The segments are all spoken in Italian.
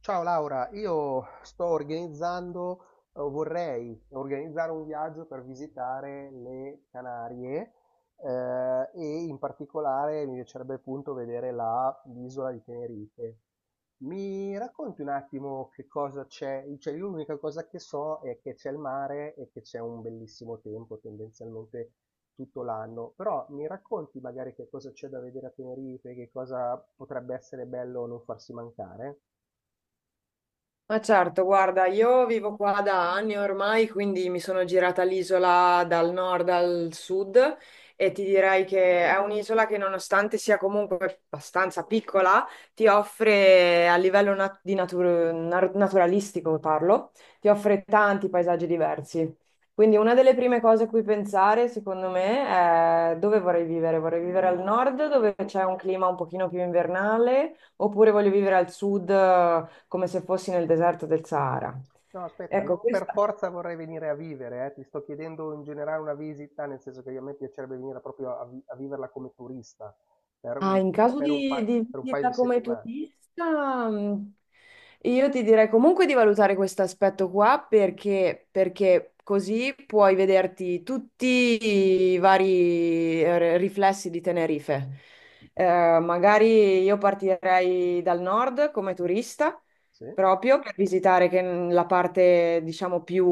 Ciao Laura, vorrei organizzare un viaggio per visitare le Canarie, e in particolare mi piacerebbe appunto vedere l'isola di Tenerife. Mi racconti un attimo che cosa c'è? Cioè, io l'unica cosa che so è che c'è il mare e che c'è un bellissimo tempo, tendenzialmente tutto l'anno, però mi racconti magari che cosa c'è da vedere a Tenerife, che cosa potrebbe essere bello non farsi mancare? Ma certo, guarda, io vivo qua da anni ormai, quindi mi sono girata l'isola dal nord al sud e ti direi che è un'isola che nonostante sia comunque abbastanza piccola, ti offre a livello naturalistico, parlo, ti offre tanti paesaggi diversi. Quindi una delle prime cose a cui pensare, secondo me, è dove vorrei vivere. Vorrei vivere al nord, dove c'è un clima un pochino più invernale, oppure voglio vivere al sud, come se fossi nel deserto del Sahara. No, aspetta, Ecco. non per forza vorrei venire a vivere, ti sto chiedendo in generale una visita, nel senso che a me piacerebbe venire proprio a viverla come turista per un, Ah, in caso per un di, pa- di per un paio di visita come settimane. turista, io ti direi comunque di valutare questo aspetto qua perché, perché così puoi vederti tutti i vari riflessi di Tenerife. Magari io partirei dal nord come turista, Sì, proprio per visitare la parte, diciamo, più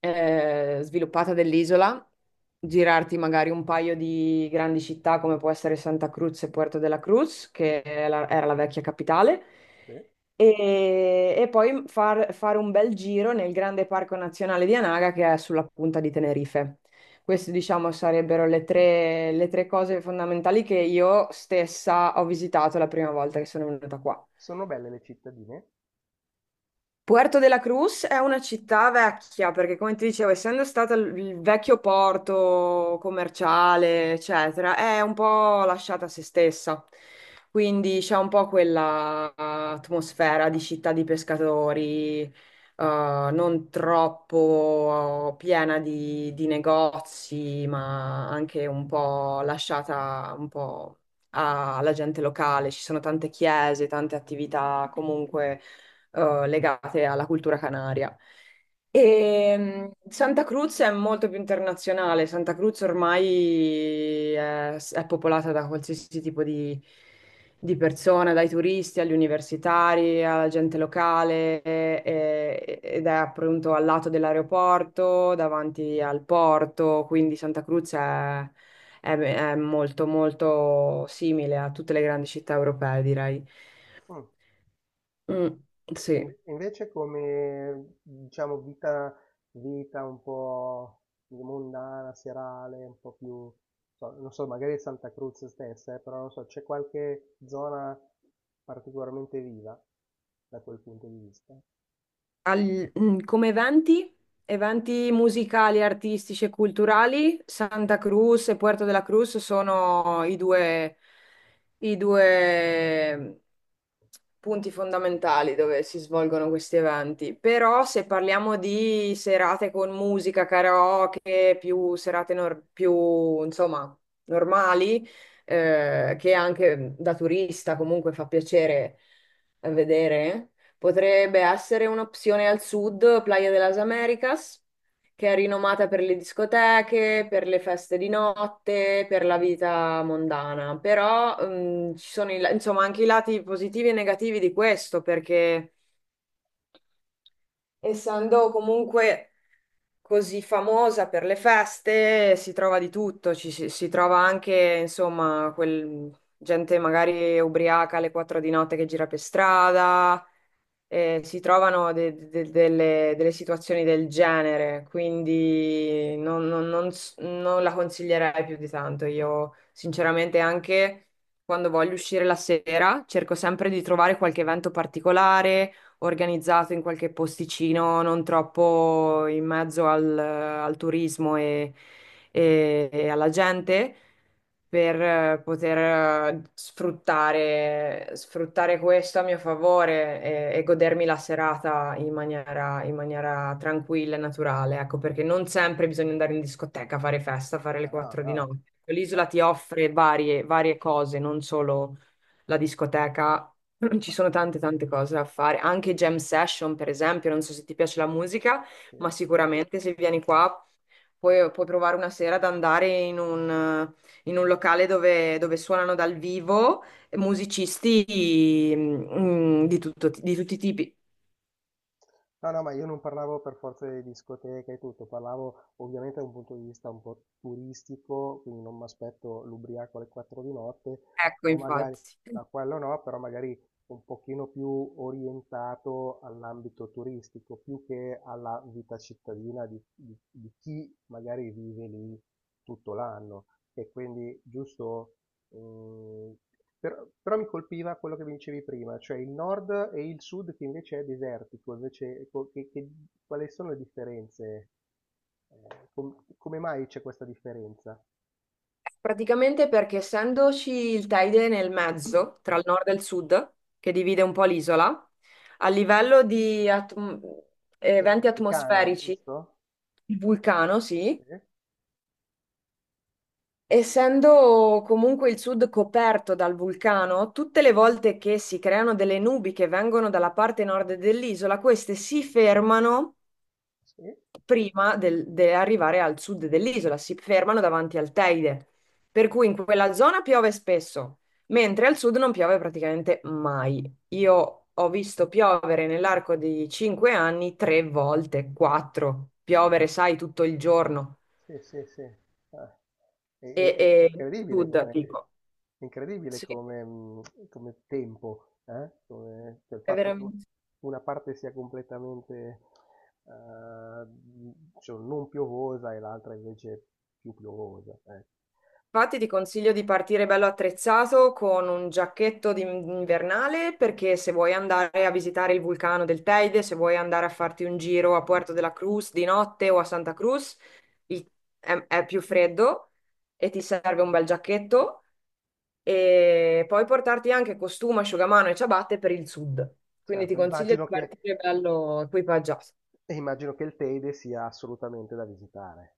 sviluppata dell'isola, girarti magari un paio di grandi città come può essere Santa Cruz e Puerto de la Cruz, che è era la vecchia capitale, sì. e poi fare un bel giro nel grande parco nazionale di Anaga che è sulla punta di Tenerife. Queste, diciamo, sarebbero le tre cose fondamentali che io stessa ho visitato la prima volta che sono venuta qua. Sono belle le cittadine. Puerto de la Cruz è una città vecchia, perché come ti dicevo, essendo stato il vecchio porto commerciale, eccetera, è un po' lasciata a se stessa. Quindi c'è un po' quella atmosfera di città di pescatori, non troppo piena di negozi, ma anche un po' lasciata un po' alla gente locale. Ci sono tante chiese, tante attività comunque legate alla cultura canaria. E Santa Cruz è molto più internazionale. Santa Cruz ormai è popolata da qualsiasi tipo di persona, dai turisti agli universitari, alla gente locale, ed è appunto al lato dell'aeroporto, davanti al porto. Quindi Santa Cruz è molto, molto simile a tutte le grandi città europee, direi. Mm. Mm, E sì. Invece come, diciamo, vita un po' mondana, serale, un po' più, non so, magari Santa Cruz stessa, però non so, c'è qualche zona particolarmente viva da quel punto di vista? Come eventi musicali, artistici e culturali, Santa Cruz e Puerto de la Cruz sono i due punti fondamentali dove si svolgono questi eventi, però se parliamo di serate con musica, karaoke, più serate insomma, normali, che anche da turista comunque fa piacere vedere, Sì, potrebbe essere un'opzione al sud, Playa de las Americas che è rinomata per le discoteche, per le feste di notte, per la vita mondana. Però, ci sono insomma anche i lati positivi e negativi di questo, perché essendo comunque così famosa per le feste, si trova di tutto, si trova anche, insomma, gente magari ubriaca alle 4 di notte che gira per strada, si trovano delle situazioni del genere, quindi non la consiglierei più di tanto. Io, sinceramente, anche quando voglio uscire la sera, cerco sì. sempre di trovare qualche evento particolare organizzato in qualche posticino, non troppo in mezzo al turismo e alla gente, per poter sfruttare questo a mio favore e godermi la serata in maniera tranquilla e naturale, ecco, perché non sempre bisogna andare in discoteca, fare festa, fare le Ah, no, 4 di no, notte. L'isola ti ah, offre varie cose, non solo la discoteca. Ci ma- sono tante tante cose da fare, anche jam session per esempio, non so se ti piace la musica, ma sì? sicuramente se vieni qua puoi provare una sera ad andare in un locale dove suonano dal vivo musicisti di tutti i tipi. No, no, ma io non parlavo per forza di discoteche e tutto, parlavo ovviamente da un punto di vista un po' turistico, quindi non mi aspetto l'ubriaco alle 4 di notte, Ecco, però magari, infatti. da quello no, però magari un pochino più orientato all'ambito turistico, più che alla vita cittadina di, di chi magari vive lì tutto l'anno. E quindi, giusto. Mhmm, però mi colpiva quello che mi dicevi prima, cioè il nord e il sud che invece è desertico, invece co che quali sono le differenze? Ehm, come mai c'è questa differenza? Praticamente perché essendoci il Teide nel mezzo, tra il nord e il sud, che divide un po' l'isola, a livello di Che è il eventi vulcano, atmosferici, giusto? il vulcano, sì, Sì, essendo comunque il sud coperto dal vulcano, tutte le volte che si creano delle nubi che vengono dalla parte nord dell'isola, queste si fermano sì. prima di arrivare al sud dell'isola, si fermano davanti al Teide, per cui in quella zona piove spesso, mentre al sud non piove praticamente mai. Io ho visto piovere nell'arco di 5 anni 3 volte, quattro, piovere, sai, tutto il giorno Sì, sì, sì. Ah, È, è- e, è- è e incredibile sud, come, dico. è incredibile Sì, come, come tempo, eh? Come, cioè il è fatto che veramente. una parte sia completamente eh, cioè, non piovosa e l'altra invece più piovosa. Eh. Infatti ti consiglio di partire bello attrezzato con un giacchetto invernale perché se vuoi andare a visitare il vulcano del Teide, se vuoi andare a farti un giro a Puerto de la Cruz di notte o a Santa Cruz, il- è più freddo e ti serve un bel giacchetto e puoi portarti anche costume, asciugamano e ciabatte per il sud. Quindi ti Certo, consiglio di partire bello equipaggiato. Immagino che il Teide sia assolutamente da visitare.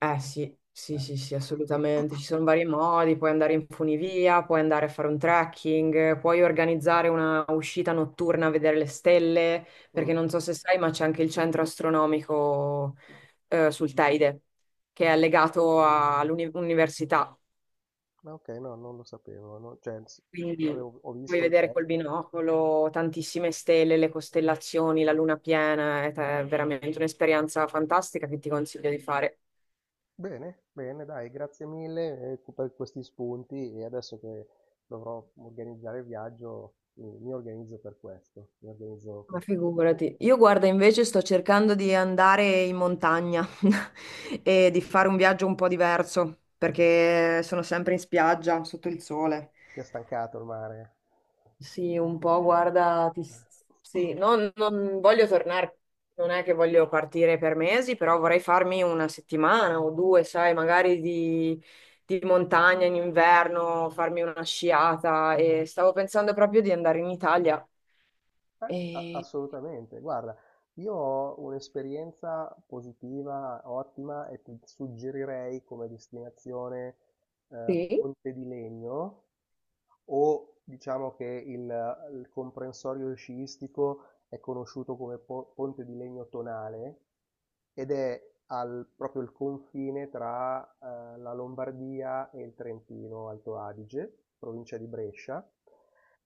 Eh sì, sì, Eh. sì, sì, assolutamente. Ci sono vari modi, puoi andare in funivia, puoi andare a fare un trekking, puoi organizzare una uscita notturna a vedere le stelle, perché Mm, non so se sai, ma c'è anche il centro astronomico sul Teide, che è mm. legato all'università. Ok, no, non lo sapevo. No, Quindi ho puoi visto il vedere col Teide. binocolo tantissime stelle, le costellazioni, la luna piena, ed è veramente un'esperienza fantastica che ti consiglio di fare. Bene, bene, dai, grazie mille per questi spunti e adesso che dovrò organizzare il viaggio mi organizzo per questo, mi organizzo. Ma figurati, io guarda invece sto cercando di andare in montagna e di fare un viaggio un po' diverso perché sono sempre in spiaggia sotto il sole. Ti ha stancato il mare? Sì, un po' guarda, sì, non voglio tornare, non è che voglio partire per mesi, però vorrei farmi una settimana o due, sai, magari di montagna in inverno, farmi una sciata e stavo pensando proprio di andare in Italia. E... Assolutamente, guarda, io ho un'esperienza positiva, ottima e ti suggerirei come destinazione, Sì. Ponte di Legno, o diciamo che il comprensorio sciistico è conosciuto come Ponte di Legno Tonale ed è proprio il confine tra la Lombardia e il Trentino Alto Adige, provincia di Brescia,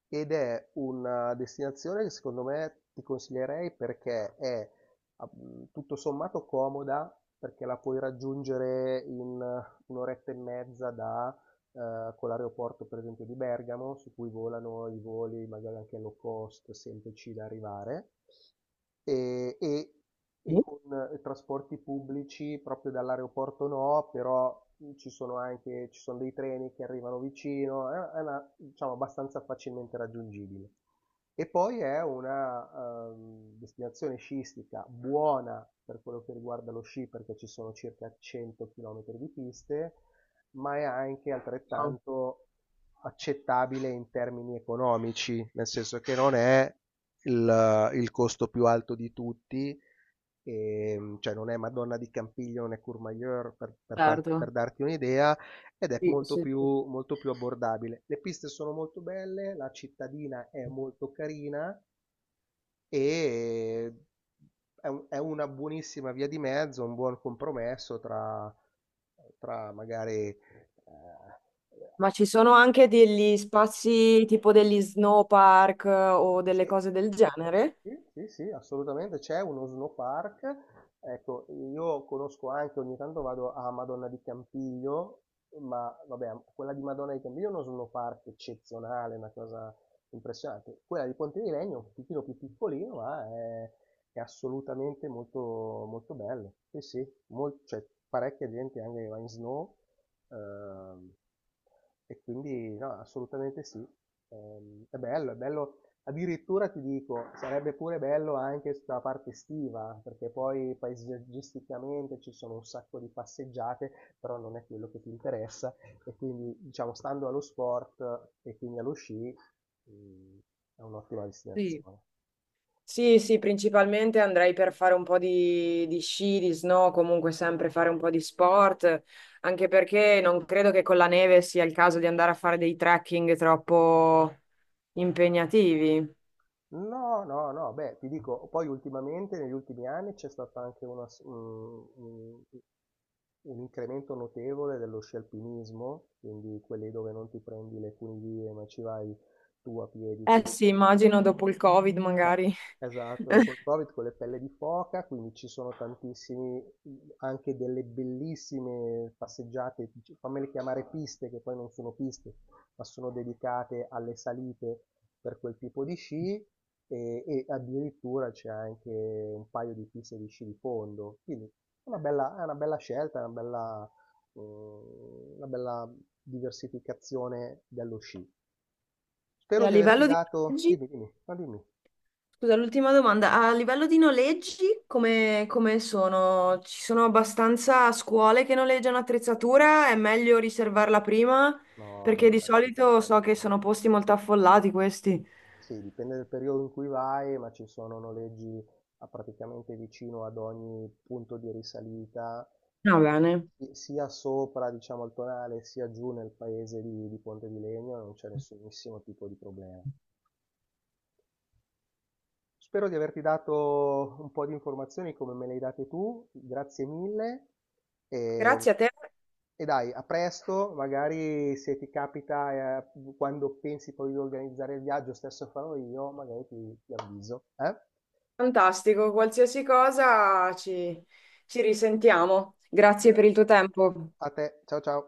ed è una destinazione che secondo me ti consiglierei perché è tutto sommato comoda perché la puoi raggiungere in un'oretta e mezza da con l'aeroporto per esempio di Bergamo, su cui volano i voli magari anche low cost, semplici da arrivare, e, e- e Sì. con trasporti pubblici proprio dall'aeroporto no, però ci sono dei treni che arrivano vicino, è una, diciamo, abbastanza facilmente raggiungibile. E poi è una destinazione sciistica buona per quello che riguarda lo sci, perché ci sono circa 100 km di piste, ma è anche altrettanto accettabile in termini economici, nel senso che non è il costo più alto di tutti, e, cioè non è Madonna di Campiglio, non è Courmayeur per Certo. darti un'idea, ed è Sì, sì, sì. molto più abbordabile. Le piste sono molto belle, la cittadina è molto carina e è una buonissima via di mezzo, un buon compromesso tra, tra magari Ma ci sono anche degli spazi tipo degli snow park o delle sì. cose del genere? Sì, sì, sì, assolutamente c'è uno snow park. Ecco, io conosco anche, ogni tanto vado a Madonna di Campiglio, ma vabbè, quella di Madonna di Campiglio è uno snow park eccezionale, una cosa impressionante. Quella di Ponte di Legno è un pochino più piccolino, ma è assolutamente molto bello. Sì, sì, c'è parecchia gente anche che va in snow, ehm, e quindi no, assolutamente sì. È bello. Addirittura ti dico, sarebbe pure bello anche sulla parte estiva, perché poi paesaggisticamente ci sono un sacco di passeggiate, però non è quello che ti interessa e quindi diciamo stando allo sport e quindi allo sci, mh, è un'ottima Sì. destinazione. Sì, sì, principalmente andrei per fare un po' di sci, di snow, comunque sempre fare un po' di sport, anche perché non credo che con la neve sia il caso di andare a fare dei trekking troppo impegnativi. No, no, no, beh, ti dico, poi ultimamente, negli ultimi anni, c'è stato anche una s- un incremento notevole dello sci alpinismo, quindi quelli dove non ti prendi le funivie, ma ci vai tu a piedi Eh con sì, immagino dopo il Covid eh, magari. esatto, dopo il Covid con le pelle di foca, quindi ci sono tantissimi, anche delle bellissime passeggiate, fammele chiamare piste, che poi non sono piste, ma sono dedicate alle salite per quel tipo di sci e addirittura c'è anche un paio di piste di sci di fondo, quindi è una bella scelta, è una bella diversificazione dello sci. E Spero a di averti livello di dato, viaggi? dimmi, dimmi. Scusa, l'ultima domanda. A livello di noleggi, come sono? Ci sono abbastanza scuole che noleggiano attrezzatura? È meglio riservarla prima? No, vai Perché di tranquillo. solito so che sono posti molto affollati questi. Sì, dipende dal periodo in cui vai, ma ci sono noleggi a praticamente vicino ad ogni punto di risalita, eh, Va bene. Sia sopra, diciamo, il tonale, sia giù nel paese di Ponte di Legno, non c'è nessunissimo tipo di problema. Spero di averti dato un po' di informazioni come me le hai date tu, grazie mille e, Grazie a te, e dai, a presto, magari se ti capita, quando pensi poi di organizzare il viaggio, stesso farò io, magari ti, ti avviso. Eh? fantastico. Qualsiasi cosa ci risentiamo. Grazie Gra- per il tuo tempo. A te, ciao ciao.